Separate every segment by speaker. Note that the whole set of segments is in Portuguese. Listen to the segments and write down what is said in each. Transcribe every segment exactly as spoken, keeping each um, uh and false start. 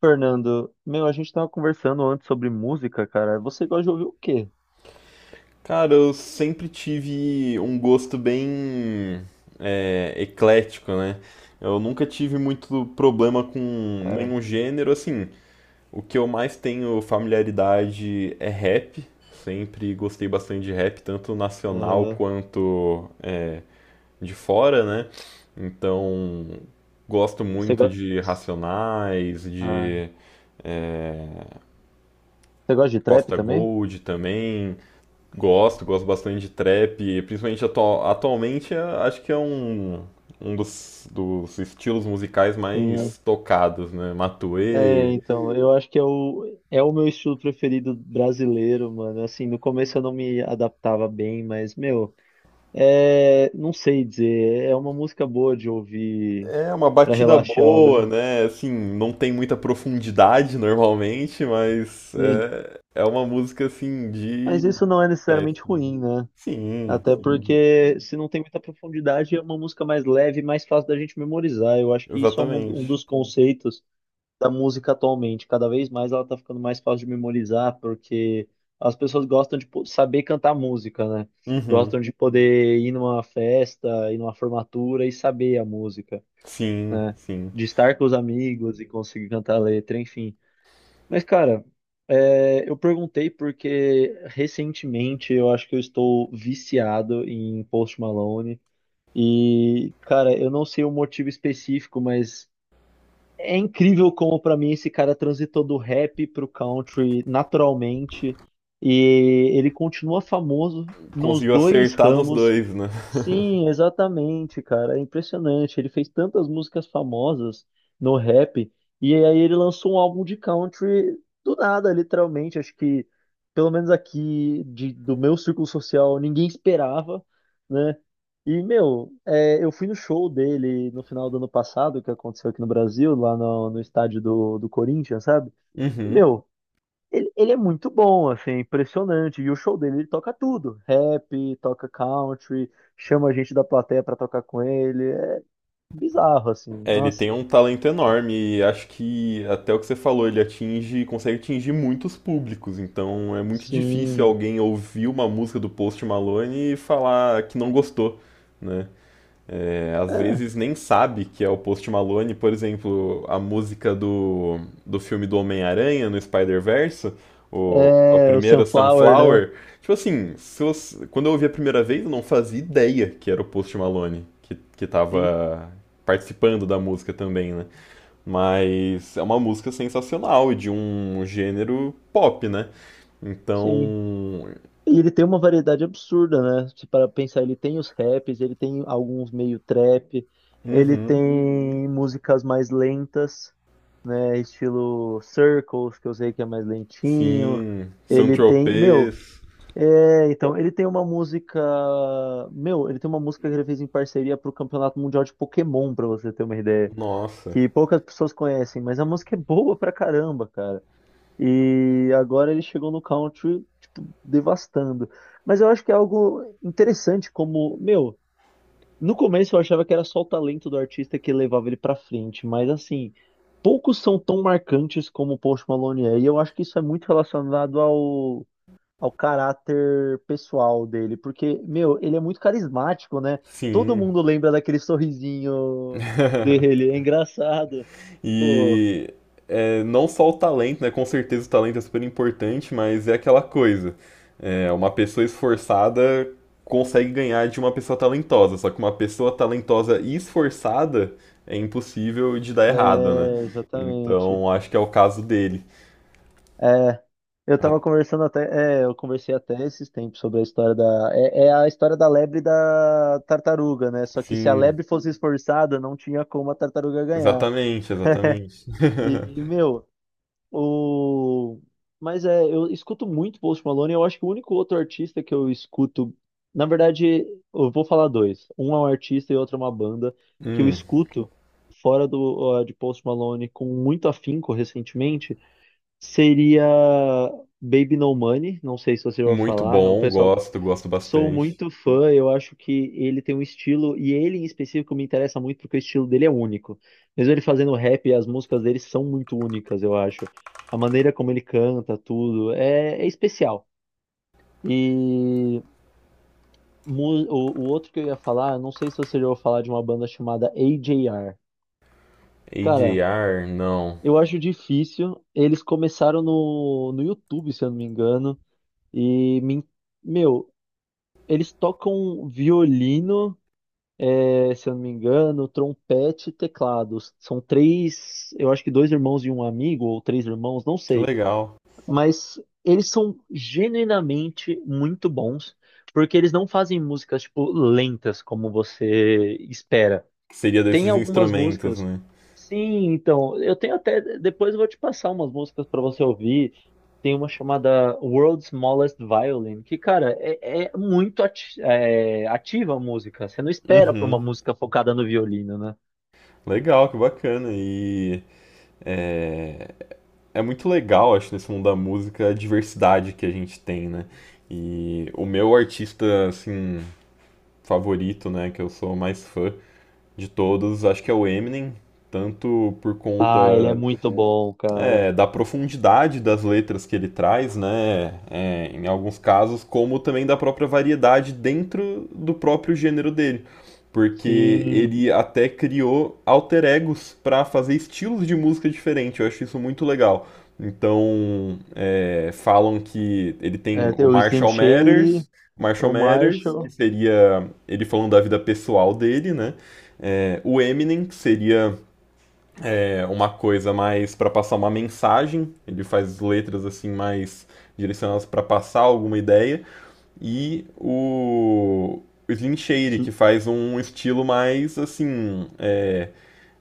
Speaker 1: Fernando, meu, a gente tava conversando antes sobre música, cara. Você gosta de ouvir o quê?
Speaker 2: Cara, eu sempre tive um gosto bem é, eclético, né? Eu nunca tive muito problema com
Speaker 1: É,
Speaker 2: nenhum gênero, assim. O que eu mais tenho familiaridade é rap. Sempre gostei bastante de rap, tanto nacional
Speaker 1: é,
Speaker 2: quanto é, de fora, né? Então, gosto
Speaker 1: você
Speaker 2: muito
Speaker 1: gosta,
Speaker 2: de Racionais,
Speaker 1: ah,
Speaker 2: de é,
Speaker 1: você gosta de trap
Speaker 2: Costa
Speaker 1: também?
Speaker 2: Gold também. Gosto, gosto bastante de trap, principalmente atu- atualmente é- acho que é um, um dos, dos estilos musicais
Speaker 1: Sim.
Speaker 2: mais tocados, né?
Speaker 1: É,
Speaker 2: Matuê,
Speaker 1: então, eu acho que é o, é o meu estilo preferido brasileiro, mano. Assim, no começo eu não me adaptava bem, mas, meu, é, não sei dizer. É uma música boa de ouvir
Speaker 2: é uma
Speaker 1: pra
Speaker 2: batida
Speaker 1: relaxar,
Speaker 2: boa,
Speaker 1: né?
Speaker 2: né? Assim, não tem muita profundidade normalmente, mas
Speaker 1: Sim.
Speaker 2: é, é uma música assim
Speaker 1: Mas
Speaker 2: de
Speaker 1: isso não é
Speaker 2: é,
Speaker 1: necessariamente ruim, né?
Speaker 2: Sim,
Speaker 1: Até
Speaker 2: sim,
Speaker 1: porque se não tem muita profundidade, é uma música mais leve, mais fácil da gente memorizar. Eu acho que isso é um, um
Speaker 2: exatamente.
Speaker 1: dos conceitos da música atualmente. Cada vez mais ela tá ficando mais fácil de memorizar, porque as pessoas gostam de po- saber cantar música, né? Gostam
Speaker 2: Uhum,
Speaker 1: de poder ir numa festa, ir numa formatura e saber a música,
Speaker 2: sim,
Speaker 1: né?
Speaker 2: sim.
Speaker 1: De estar com os amigos e conseguir cantar a letra, enfim. Mas, cara, é, eu perguntei porque recentemente eu acho que eu estou viciado em Post Malone. E, cara, eu não sei o motivo específico, mas é incrível como pra mim esse cara transitou do rap pro country naturalmente. E ele continua famoso nos
Speaker 2: Conseguiu
Speaker 1: dois, uhum,
Speaker 2: acertar nos
Speaker 1: ramos.
Speaker 2: dois, né?
Speaker 1: Sim, exatamente, cara. É impressionante. Ele fez tantas músicas famosas no rap, e aí ele lançou um álbum de country do nada, literalmente. Acho que, pelo menos aqui de- do meu círculo social, ninguém esperava, né? E, meu, é, eu fui no show dele no final do ano passado, que aconteceu aqui no Brasil, lá no, no estádio do, do Corinthians, sabe?
Speaker 2: Uhum.
Speaker 1: Meu, ele, ele é muito bom, assim, é impressionante. E o show dele, ele toca tudo. Rap, toca country, chama a gente da plateia pra tocar com ele. É bizarro, assim.
Speaker 2: É, ele
Speaker 1: Nossa,
Speaker 2: tem um talento enorme e acho que até o que você falou, ele atinge, consegue atingir muitos públicos, então é muito difícil
Speaker 1: sim.
Speaker 2: alguém ouvir uma música do Post Malone e falar que não gostou, né? É, às vezes nem sabe que é o Post Malone, por exemplo, a música do, do filme do Homem-Aranha no Spider-Verse, o, a
Speaker 1: É, é o
Speaker 2: primeira
Speaker 1: Sunflower, né?
Speaker 2: Sunflower. Tipo assim, se você- quando eu ouvi a primeira vez, eu não fazia ideia que era o Post Malone que, que
Speaker 1: Sim,
Speaker 2: tava participando da música também, né? Mas é uma música sensacional e de um gênero pop, né?
Speaker 1: sim.
Speaker 2: Então,
Speaker 1: E ele tem uma variedade absurda, né? Se para pensar, ele tem os raps, ele tem alguns meio trap, ele
Speaker 2: uhum,
Speaker 1: tem músicas mais lentas, né? Estilo Circles, que eu sei que é mais lentinho.
Speaker 2: sim,
Speaker 1: Ele tem, meu,
Speaker 2: Saint-Tropez,
Speaker 1: É, então, ele tem uma música. Meu, ele tem uma música que ele fez em parceria pro Campeonato Mundial de Pokémon, pra você ter uma ideia.
Speaker 2: nossa.
Speaker 1: Que poucas pessoas conhecem, mas a música é boa pra caramba, cara. E agora ele chegou no country, tipo, devastando. Mas eu acho que é algo interessante, como. Meu, no começo eu achava que era só o talento do artista que levava ele pra frente, mas assim. Poucos são tão marcantes como o Post Malone é, e eu acho que isso é muito relacionado ao ao caráter pessoal dele, porque, meu, ele é muito carismático, né? Todo
Speaker 2: Sim.
Speaker 1: mundo lembra daquele sorrisinho dele, é engraçado. Pô,
Speaker 2: E é, não só o talento, né? Com certeza o talento é super importante, mas é aquela coisa. É, uma pessoa esforçada consegue ganhar de uma pessoa talentosa, só que uma pessoa talentosa e esforçada é impossível de dar errado, né?
Speaker 1: é, exatamente.
Speaker 2: Então acho que é o caso dele.
Speaker 1: É, eu
Speaker 2: A-
Speaker 1: tava conversando até, é, eu conversei até esses tempos sobre a história da, é, é a história da lebre e da tartaruga, né? Só que se a
Speaker 2: Sim,
Speaker 1: lebre fosse esforçada, não tinha como a tartaruga ganhar.
Speaker 2: exatamente, exatamente.
Speaker 1: E, meu, O... Mas é, eu escuto muito Post Malone. Eu acho que o único outro artista que eu escuto. Na verdade, eu vou falar dois. Um é um artista e outro é uma banda que eu
Speaker 2: Hum,
Speaker 1: escuto fora do, ó, de Post Malone com muito afinco recentemente. Seria Baby No Money. Não sei se você vai
Speaker 2: muito
Speaker 1: falar. O
Speaker 2: bom,
Speaker 1: pessoal.
Speaker 2: gosto, gosto
Speaker 1: Sou
Speaker 2: bastante.
Speaker 1: muito fã, eu acho que ele tem um estilo, e ele em específico me interessa muito porque o estilo dele é único. Mesmo ele fazendo rap, as músicas dele são muito únicas, eu acho. A maneira como ele canta, tudo, é, é especial. E mu- o, o outro que eu ia falar, eu não sei se você já ouviu falar de uma banda chamada A J R. Cara,
Speaker 2: A J R, não.
Speaker 1: eu acho difícil. Eles começaram no, no YouTube, se eu não me engano, e me, meu, eles tocam violino. É, se eu não me engano, trompete e teclados. São três, eu acho que dois irmãos e um amigo, ou três irmãos, não
Speaker 2: Que
Speaker 1: sei.
Speaker 2: legal.
Speaker 1: Mas eles são genuinamente muito bons, porque eles não fazem músicas, tipo, lentas, como você espera.
Speaker 2: Que seria
Speaker 1: Tem
Speaker 2: desses
Speaker 1: algumas
Speaker 2: instrumentos,
Speaker 1: músicas.
Speaker 2: né?
Speaker 1: Sim, então, eu tenho até. Depois eu vou te passar umas músicas pra você ouvir. Tem uma chamada World's Smallest Violin, que, cara, é, é muito ati- é, ativa a música. Você não espera pra
Speaker 2: Uhum.
Speaker 1: uma música focada no violino, né?
Speaker 2: Legal, que bacana. E é, é muito legal, acho, nesse mundo da música, a diversidade que a gente tem, né? E o meu artista, assim, favorito, né, que eu sou mais fã de todos, acho que é o Eminem, tanto por
Speaker 1: Ah, ele é
Speaker 2: conta
Speaker 1: muito bom, cara.
Speaker 2: é, da profundidade das letras que ele traz, né? É, em alguns casos, como também da própria variedade dentro do próprio gênero dele. Porque
Speaker 1: Sim.
Speaker 2: ele até criou alter egos para fazer estilos de música diferente. Eu acho isso muito legal. Então, é, falam que ele tem
Speaker 1: É, tem
Speaker 2: o
Speaker 1: o Slim
Speaker 2: Marshall
Speaker 1: Shady,
Speaker 2: Matters, Marshall
Speaker 1: o
Speaker 2: Matters, que
Speaker 1: Marshall,
Speaker 2: seria ele falando da vida pessoal dele, né? É, o Eminem, que seria é uma coisa mais para passar uma mensagem, ele faz letras assim mais direcionadas para passar alguma ideia, e o, o Slim Shady,
Speaker 1: Sl-
Speaker 2: que faz um estilo mais assim, é,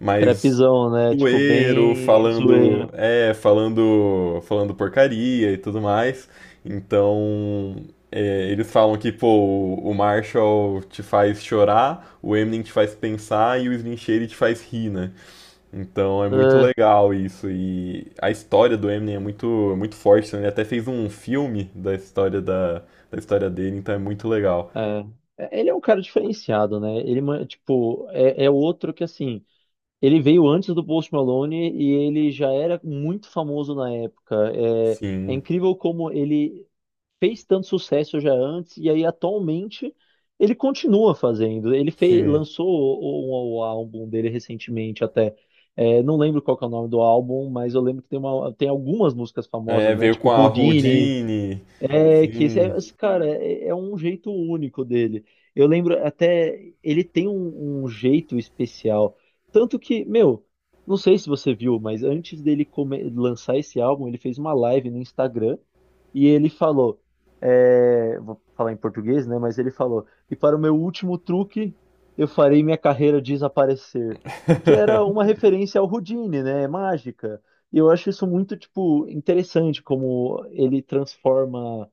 Speaker 2: mais
Speaker 1: trapzão, né? Tipo,
Speaker 2: zoeiro,
Speaker 1: bem zoeiro.
Speaker 2: falando, é, falando, falando porcaria e tudo mais. Então, é, eles falam que, pô, o Marshall te faz chorar, o Eminem te faz pensar e o Slim Shady te faz rir, né? Então é muito legal isso. E a história do Eminem é muito, muito forte. Né? Ele até fez um filme da história da, da história dele, então é muito legal.
Speaker 1: É. É, ele é um cara diferenciado, né? Ele, ma- tipo, é, é outro que, assim, ele veio antes do Post Malone e ele já era muito famoso na época. É, é
Speaker 2: Sim,
Speaker 1: incrível como ele fez tanto sucesso já antes e aí atualmente ele continua fazendo. Ele fez,
Speaker 2: sim.
Speaker 1: lançou o, o- um, o álbum dele recentemente até. É, não lembro qual que é o nome do álbum, mas eu lembro que tem, uma, tem algumas músicas famosas,
Speaker 2: É,
Speaker 1: né?
Speaker 2: veio
Speaker 1: Tipo
Speaker 2: com
Speaker 1: Olha só.
Speaker 2: a
Speaker 1: Houdini,
Speaker 2: Houdini.
Speaker 1: é que esse,
Speaker 2: Sim.
Speaker 1: é- esse cara é, é um jeito único dele. Eu lembro até ele tem um, um jeito especial, tanto que, meu, não sei se você viu, mas antes dele come- lançar esse álbum, ele fez uma live no Instagram e ele falou, é, vou falar em português, né? Mas ele falou: e para o meu último truque, eu farei minha carreira desaparecer, que era uma referência ao Houdini, né? É Mágica. E eu acho isso muito, tipo, interessante, como ele transforma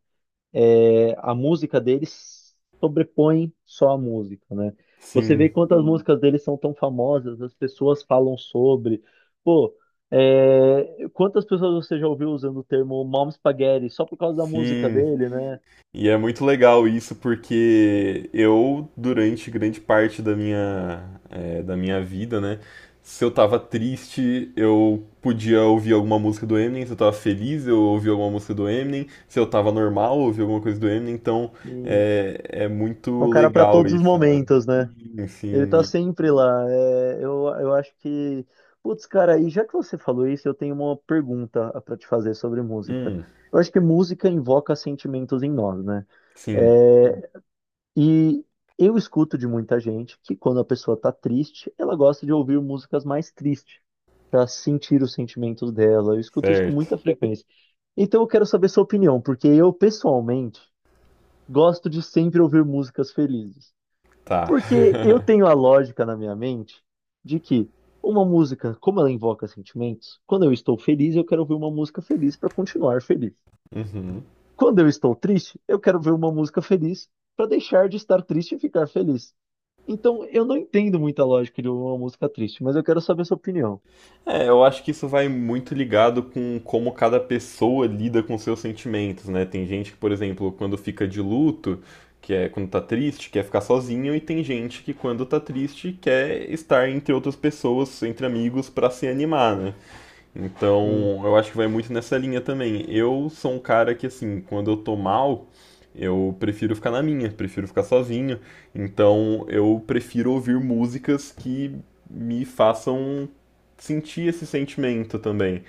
Speaker 1: é, a música deles sobrepõe só a música, né? Você vê
Speaker 2: Sim,
Speaker 1: quantas, sim, músicas dele são tão famosas, as pessoas falam sobre. Pô, é, quantas pessoas você já ouviu usando o termo mom spaghetti só por causa da música
Speaker 2: sim.
Speaker 1: dele, né?
Speaker 2: E é muito legal isso porque eu, durante grande parte da minha, é, da minha vida, né? Se eu tava triste, eu podia ouvir alguma música do Eminem. Se eu tava feliz, eu ouvia alguma música do Eminem. Se eu tava normal, eu ouvia alguma coisa do Eminem. Então
Speaker 1: E
Speaker 2: é, é
Speaker 1: é um
Speaker 2: muito
Speaker 1: cara para
Speaker 2: legal
Speaker 1: todos os
Speaker 2: isso, né?
Speaker 1: momentos, né?
Speaker 2: Sim,
Speaker 1: Ele tá
Speaker 2: sim.
Speaker 1: sempre lá. É, eu, eu acho que. Putz, cara, e já que você falou isso, eu tenho uma pergunta, ah, pra te fazer sobre música.
Speaker 2: Hum,
Speaker 1: Eu acho que música invoca sentimentos em nós, né?
Speaker 2: sim,
Speaker 1: É, e eu escuto de muita gente que quando a pessoa tá triste, ela gosta de ouvir músicas mais tristes, pra sentir os sentimentos dela. Eu escuto isso com
Speaker 2: certo.
Speaker 1: muita frequência. Então eu quero saber sua opinião, porque eu, pessoalmente, gosto de sempre ouvir músicas felizes.
Speaker 2: Tá.
Speaker 1: Porque eu tenho a lógica na minha mente de que uma música, como ela invoca sentimentos, quando eu estou feliz, eu quero ouvir uma música feliz para continuar feliz.
Speaker 2: Uhum.
Speaker 1: Quando eu estou triste, eu quero ver uma música feliz para deixar de estar triste e ficar feliz. Então, eu não entendo muita lógica de uma música triste, mas eu quero saber a sua opinião.
Speaker 2: É, eu acho que isso vai muito ligado com como cada pessoa lida com seus sentimentos, né? Tem gente que, por exemplo, quando fica de luto, que é quando tá triste, quer ficar sozinho, e tem gente que, quando tá triste, quer estar entre outras pessoas, entre amigos, pra se animar, né?
Speaker 1: Sim,
Speaker 2: Então, eu acho que vai muito nessa linha também. Eu sou um cara que, assim, quando eu tô mal, eu prefiro ficar na minha, prefiro ficar sozinho. Então, eu prefiro ouvir músicas que me façam sentir esse sentimento também.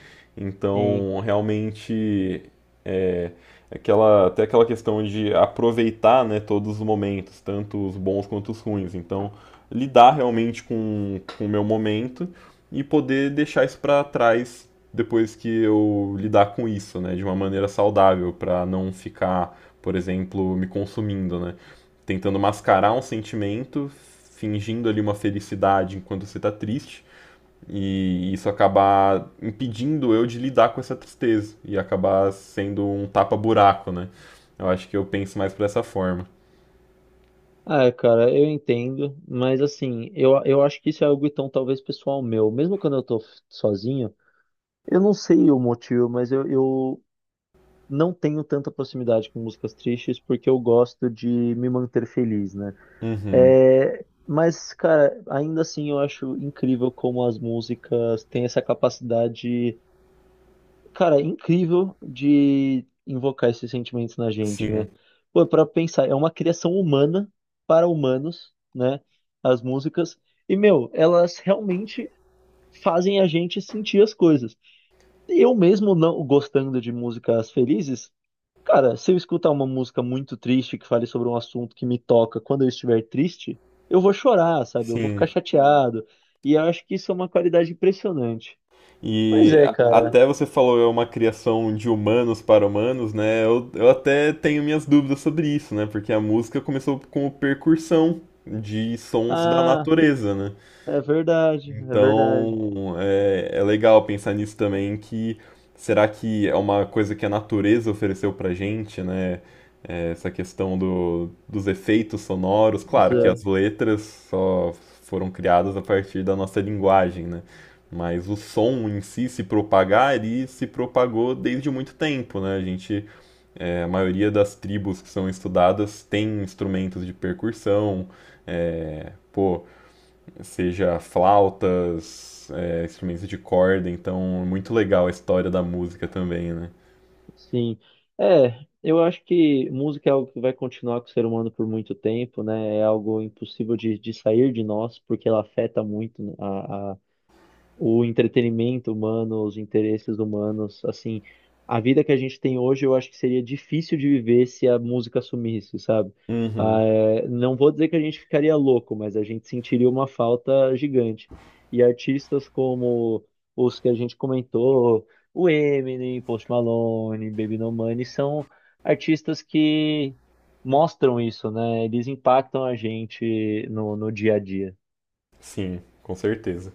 Speaker 1: sim.
Speaker 2: Então, realmente, é, é aquela, até aquela questão de aproveitar, né, todos os momentos, tanto os bons quanto os ruins. Então, lidar realmente com, com o meu momento e poder deixar isso para trás depois que eu lidar com isso, né, de uma maneira saudável, para não ficar, por exemplo, me consumindo, né, tentando mascarar um sentimento, fingindo ali uma felicidade enquanto você está triste e isso acabar impedindo eu de lidar com essa tristeza e acabar sendo um tapa-buraco, né? Eu acho que eu penso mais por essa forma.
Speaker 1: Ah, cara, eu entendo, mas assim, eu, eu acho que isso é algo então talvez pessoal meu. Mesmo quando eu tô f- sozinho, eu não sei o motivo, mas eu, eu não tenho tanta proximidade com músicas tristes porque eu gosto de me manter feliz, né?
Speaker 2: Uhum.
Speaker 1: É, mas, cara, ainda assim eu acho incrível como as músicas têm essa capacidade, cara, incrível de invocar esses sentimentos na gente, né?
Speaker 2: Sim,
Speaker 1: Pô, pra pensar, é uma criação humana para humanos, né? As músicas. E, meu, elas realmente fazem a gente sentir as coisas. Eu mesmo não gostando de músicas felizes, cara, se eu escutar uma música muito triste que fale sobre um assunto que me toca quando eu estiver triste, eu vou chorar, sabe? Eu vou ficar
Speaker 2: sim.
Speaker 1: chateado. E eu acho que isso é uma qualidade impressionante. Mas
Speaker 2: E
Speaker 1: é,
Speaker 2: a-
Speaker 1: cara.
Speaker 2: até você falou é uma criação de humanos para humanos, né? Eu, eu até tenho minhas dúvidas sobre isso, né? Porque a música começou com percussão de sons da
Speaker 1: Ah,
Speaker 2: natureza, né?
Speaker 1: é verdade, é verdade.
Speaker 2: Então, é, é legal pensar nisso também, que será que é uma coisa que a natureza ofereceu pra gente, né? É, essa questão do, dos efeitos sonoros.
Speaker 1: Mas
Speaker 2: Claro que
Speaker 1: é,
Speaker 2: as letras só foram criadas a partir da nossa linguagem, né? Mas o som em si se propagar e se propagou desde muito tempo, né? A gente, é, a maioria das tribos que são estudadas tem instrumentos de percussão, é, pô seja flautas, é, instrumentos de corda, então é muito legal a história da música também, né?
Speaker 1: sim. É, eu acho que música é algo que vai continuar com o ser humano por muito tempo, né? É algo impossível de, de sair de nós, porque ela afeta muito, né, a o entretenimento humano, os interesses humanos, assim, a vida que a gente tem hoje, eu acho que seria difícil de viver se a música sumisse, sabe? Ah,
Speaker 2: Uhum,
Speaker 1: é, não vou dizer que a gente ficaria louco, mas a gente sentiria uma falta gigante. E artistas como os que a gente comentou, o Eminem, Post Malone, Baby No Money, são artistas que mostram isso, né? Eles impactam a gente no, no dia a dia.
Speaker 2: sim, com certeza.